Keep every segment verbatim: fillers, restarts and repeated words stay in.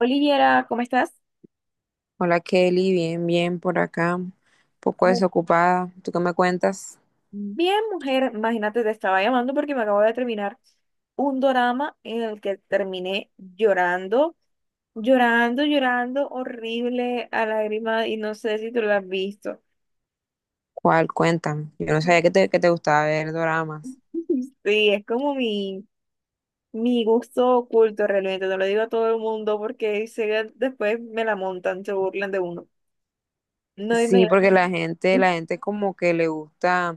Oliviera, ¿cómo estás? Hola Kelly, bien, bien por acá, un poco Muy desocupada. ¿Tú qué me cuentas? bien, mujer, imagínate, te estaba llamando porque me acabo de terminar un dorama en el que terminé llorando, llorando, llorando, horrible, a lágrima, y no sé si tú lo has visto. ¿Cuál? Cuéntame. Yo no sabía que te, que te gustaba ver doramas. Sí, es como mi, mi gusto oculto realmente, no lo digo a todo el mundo porque sé que después me la montan, se burlan de uno. No Sí, dime. porque la gente, la gente como que le gusta,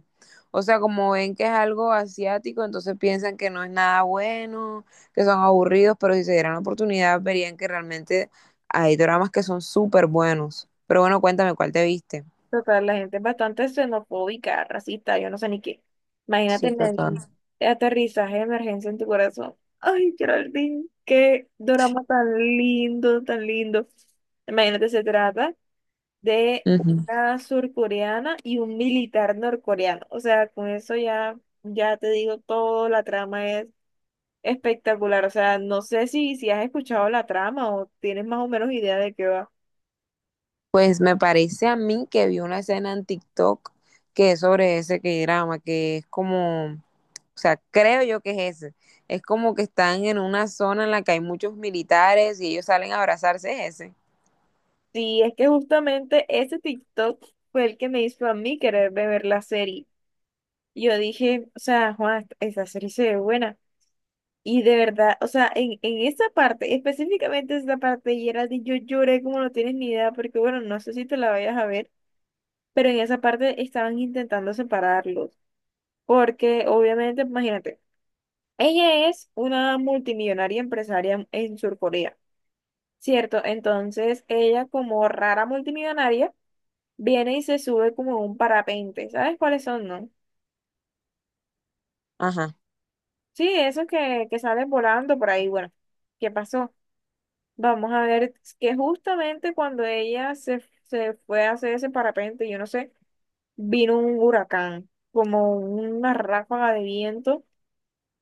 o sea, como ven que es algo asiático, entonces piensan que no es nada bueno, que son aburridos, pero si se dieran la oportunidad verían que realmente hay doramas que son súper buenos. Pero bueno, cuéntame, ¿cuál te viste? Total, la gente es bastante xenofóbica, racista, yo no sé ni qué. Imagínate Sí, en el total. aterrizaje de emergencia en tu corazón. Ay, Geraldine, qué drama tan lindo, tan lindo. Imagínate, se trata de una surcoreana y un militar norcoreano. O sea, con eso ya, ya te digo todo, la trama es espectacular. O sea, no sé si, si has escuchado la trama o tienes más o menos idea de qué va. Pues me parece a mí que vi una escena en TikTok que es sobre ese que drama, que es como, o sea, creo yo que es ese. Es como que están en una zona en la que hay muchos militares y ellos salen a abrazarse, es ese. Sí, es que justamente ese TikTok fue el que me hizo a mí querer de ver la serie. Y yo dije, o sea, Juan, esa serie se ve buena. Y de verdad, o sea, en, en esa parte, específicamente esa parte, de Geraldine, yo lloré como no tienes ni idea, porque bueno, no sé si te la vayas a ver, pero en esa parte estaban intentando separarlos. Porque obviamente, imagínate, ella es una multimillonaria empresaria en Surcorea, ¿cierto? Entonces, ella como rara multimillonaria viene y se sube como a un parapente. ¿Sabes cuáles son, no? Ajá. Sí, esos que, que salen volando por ahí. Bueno, ¿qué pasó? Vamos a ver que justamente cuando ella se, se fue a hacer ese parapente, yo no sé, vino un huracán, como una ráfaga de viento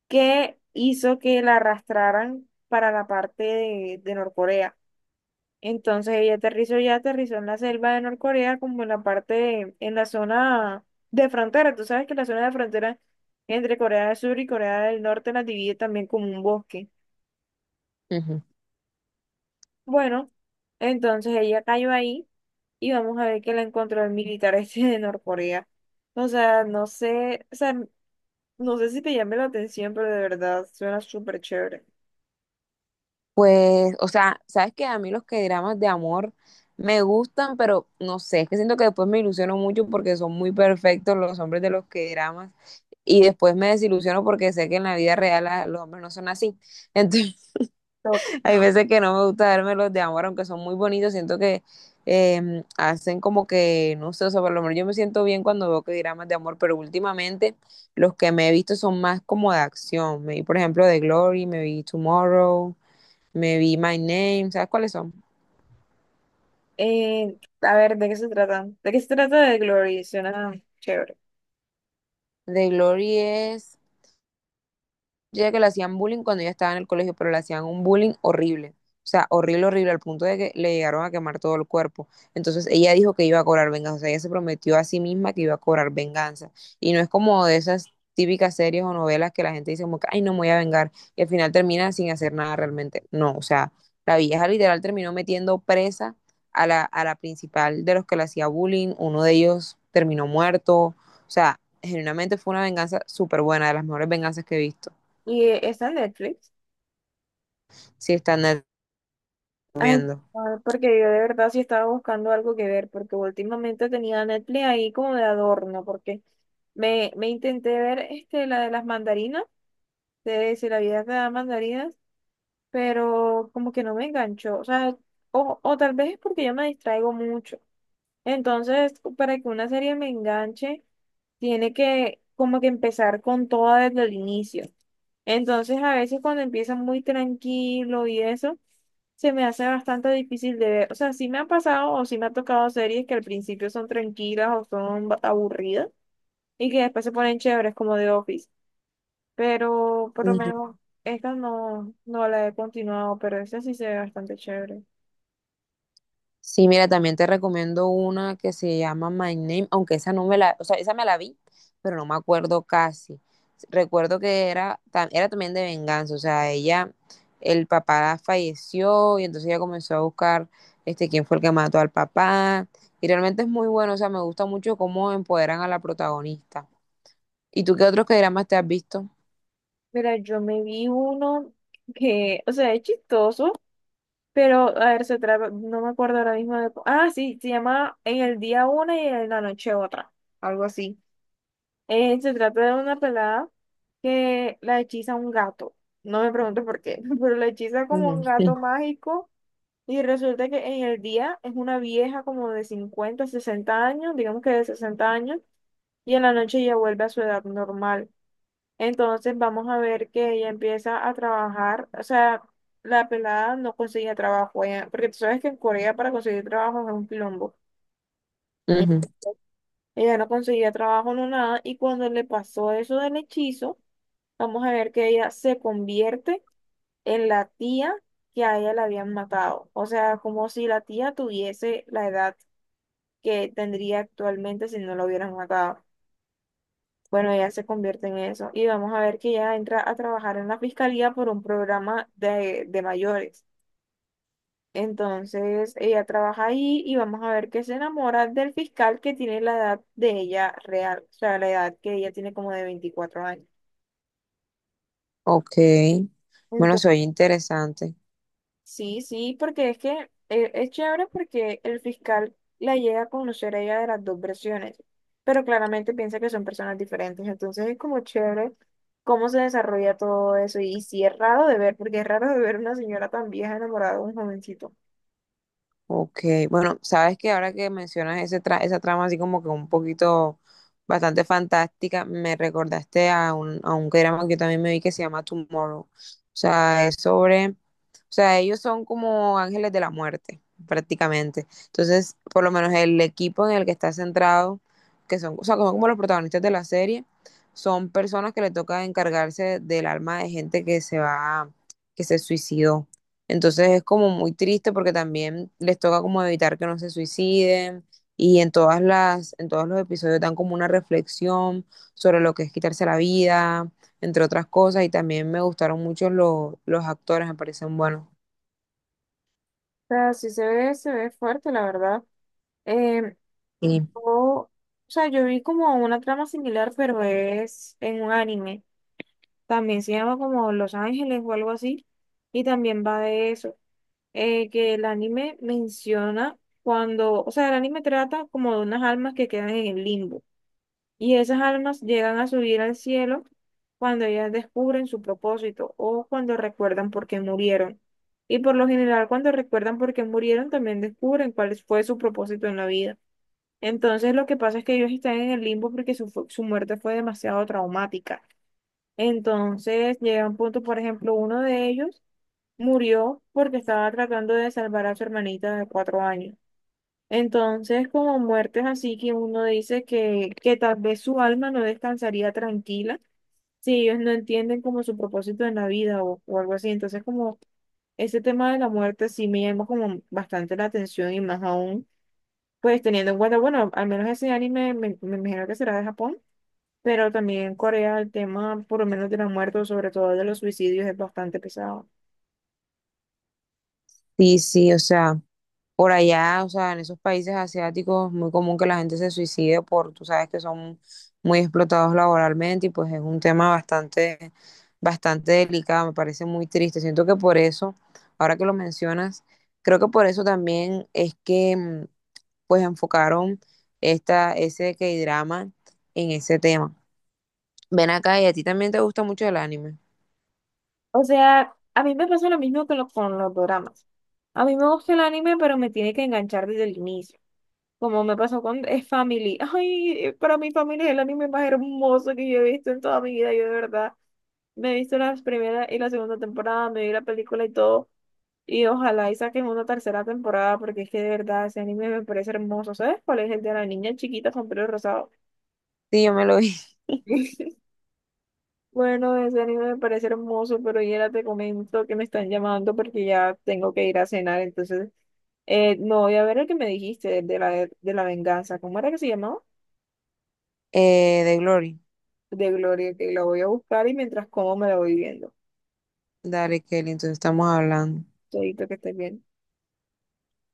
que hizo que la arrastraran para la parte de, de Norcorea. Entonces ella aterrizó ya, aterrizó en la selva de Norcorea, como en la parte, en la zona de frontera. Tú sabes que la zona de frontera entre Corea del Sur y Corea del Norte la divide también como un bosque. Ujú. Bueno, entonces ella cayó ahí y vamos a ver que la encontró el militar este de Norcorea. O sea, no sé, o sea, no sé si te llame la atención, pero de verdad suena súper chévere. Pues, o sea, sabes que a mí los que dramas de amor me gustan, pero no sé, es que siento que después me ilusiono mucho porque son muy perfectos los hombres de los que dramas y después me desilusiono porque sé que en la vida real a- los hombres no son así. Top. Hay veces que no me gusta darme los de amor, aunque son muy bonitos, siento que eh, hacen como que, no sé, o sea, por lo menos yo me siento bien cuando veo que dramas de amor, pero últimamente los que me he visto son más como de acción. Me vi, por ejemplo, The Glory, me vi Tomorrow, me vi My Name, ¿sabes cuáles son? Eh, a ver, ¿de qué se trata? ¿De qué se trata de Glory? Suena chévere. The Glory es. Yo decía que le hacían bullying cuando ella estaba en el colegio, pero le hacían un bullying horrible. O sea, horrible, horrible, al punto de que le llegaron a quemar todo el cuerpo. Entonces ella dijo que iba a cobrar venganza. O sea, ella se prometió a sí misma que iba a cobrar venganza. Y no es como de esas típicas series o novelas que la gente dice como que, ay, no me voy a vengar. Y al final termina sin hacer nada realmente. No, o sea, la vieja literal terminó metiendo presa a la, a la principal de los que le hacía bullying. Uno de ellos terminó muerto. O sea, genuinamente fue una venganza súper buena, de las mejores venganzas que he visto. Y eh, está en Netflix. Si está en el- Ay, no, porque yo de verdad sí estaba buscando algo que ver, porque últimamente tenía Netflix ahí como de adorno, porque me, me intenté ver este, la de las mandarinas, de si la vida te da mandarinas, pero como que no me enganchó, o sea, o, o tal vez es porque yo me distraigo mucho. Entonces, para que una serie me enganche, tiene que como que empezar con toda desde el inicio. Entonces, a veces cuando empieza muy tranquilo y eso se me hace bastante difícil de ver. O sea, sí me han pasado o sí me ha tocado series que al principio son tranquilas o son ba- aburridas y que después se ponen chéveres como The Office. Pero por lo Ujú. menos esta no, no la he continuado, pero esta sí se ve bastante chévere. Sí, mira, también te recomiendo una que se llama My Name, aunque esa no me la, o sea, esa me la vi, pero no me acuerdo casi. Recuerdo que era, ta- era también de venganza, o sea, ella, el papá falleció y entonces ella comenzó a buscar este, quién fue el que mató al papá. Y realmente es muy bueno, o sea, me gusta mucho cómo empoderan a la protagonista. ¿Y tú qué otros dramas te has visto? Mira, yo me vi uno que, o sea, es chistoso, pero a ver, se trata, no me acuerdo ahora mismo de... cu- Ah, sí, se llama En el día una y en la noche otra, algo así. Eh, se trata de una pelada que la hechiza un gato. No me pregunto por qué, pero la hechiza como un gato Ujú. mágico y resulta que en el día es una vieja como de cincuenta sesenta años, digamos que de sesenta años, y en la noche ella vuelve a su edad normal. Entonces vamos a ver que ella empieza a trabajar, o sea, la pelada no conseguía trabajo, ella- porque tú sabes que en Corea para conseguir trabajo es un quilombo. Ujú. Ella no conseguía trabajo, no nada, y cuando le pasó eso del hechizo, vamos a ver que ella se convierte en la tía que a ella la habían matado. O sea, como si la tía tuviese la edad que tendría actualmente si no la hubieran matado. Bueno, ella se convierte en eso. Y vamos a ver que ella entra a trabajar en la fiscalía por un programa de, de mayores. Entonces, ella trabaja ahí y vamos a ver que se enamora del fiscal que tiene la edad de ella real, o sea, la edad que ella tiene como de veinticuatro años. Ok, bueno, soy interesante. Sí, sí, porque es que eh, es chévere porque el fiscal la llega a conocer a ella de las dos versiones, pero claramente piensa que son personas diferentes, entonces es como chévere cómo se desarrolla todo eso y sí es raro de ver, porque es raro de ver una señora tan vieja enamorada de un jovencito. O Ok, bueno, sabes que ahora que mencionas ese tra- esa trama así como que un poquito bastante fantástica, me recordaste a un, a un drama que yo también me vi que se llama Tomorrow. O sea, es sobre, o sea, ellos son como ángeles de la muerte, prácticamente. Entonces, por lo menos el equipo en el que está centrado, que son, o sea, que son como los protagonistas de la serie, son personas que le toca encargarse del alma de gente que se va, que se suicidó. Entonces es como muy triste porque también les toca como evitar que no se suiciden y en todas las, en todos los episodios dan como una reflexión sobre lo que es quitarse la vida, entre otras cosas, y también me gustaron mucho los, los actores, me parecen buenos. sea, sí se ve, se ve fuerte, la verdad. Em, Sí, o, o sea, yo vi como una trama similar, pero es en un anime. También se llama como Los Ángeles o algo así. Y también va de eso. Eh, que el anime menciona cuando, o sea, el anime trata como de unas almas que quedan en el limbo y esas almas llegan a subir al cielo cuando ellas descubren su propósito o cuando recuerdan por qué murieron. Y por lo general, cuando recuerdan por qué murieron, también descubren cuál fue su propósito en la vida. Entonces, lo que pasa es que ellos están en el limbo porque su, fu- su muerte fue demasiado traumática. Entonces, llega un punto, por ejemplo, uno de ellos murió porque estaba tratando de salvar a su hermanita de cuatro años. Entonces, como muertes así que uno dice que, que tal vez su alma no descansaría tranquila si ellos no entienden como su propósito en la vida o, o algo así. Entonces, como ese tema de la muerte sí me llama como bastante la atención y más aún, pues teniendo en cuenta, bueno, al menos ese anime me, me imagino que será de Japón, pero también en Corea el tema por lo menos de la muerte o sobre todo de los suicidios es bastante pesado. sí, sí, o sea, por allá, o sea, en esos países asiáticos muy común que la gente se suicide por, tú sabes que son muy explotados laboralmente y pues es un tema bastante, bastante delicado, me parece muy triste. Siento que por eso, ahora que lo mencionas, creo que por eso también es que mm, pues enfocaron esta, ese K-drama en ese tema. Ven acá y a ti también te gusta mucho el anime. O sea, a mí me pasa lo mismo que lo- con los doramas. A mí me gusta el anime, pero me tiene que enganchar desde el inicio. Como me pasó con eh, Family. Ay, para mi familia es el anime más hermoso que yo he visto en toda mi vida. Yo de verdad me he visto las primeras y la segunda temporada, me vi la película y todo. Y ojalá y saquen una tercera temporada, porque es que de verdad ese anime me parece hermoso. ¿Sabes cuál es el de la niña chiquita con pelo rosado? Sí, yo me lo vi. Bueno, ese anime me parece hermoso, pero ya te comento que me están llamando porque ya tengo que ir a cenar, entonces eh, no voy a ver el que me dijiste de la, de la venganza. ¿Cómo era que se llamaba? Eh, de Glory. De Gloria, que la voy a buscar y mientras como me la voy viendo. Dale, Kelly, entonces estamos hablando. Todito que estés bien.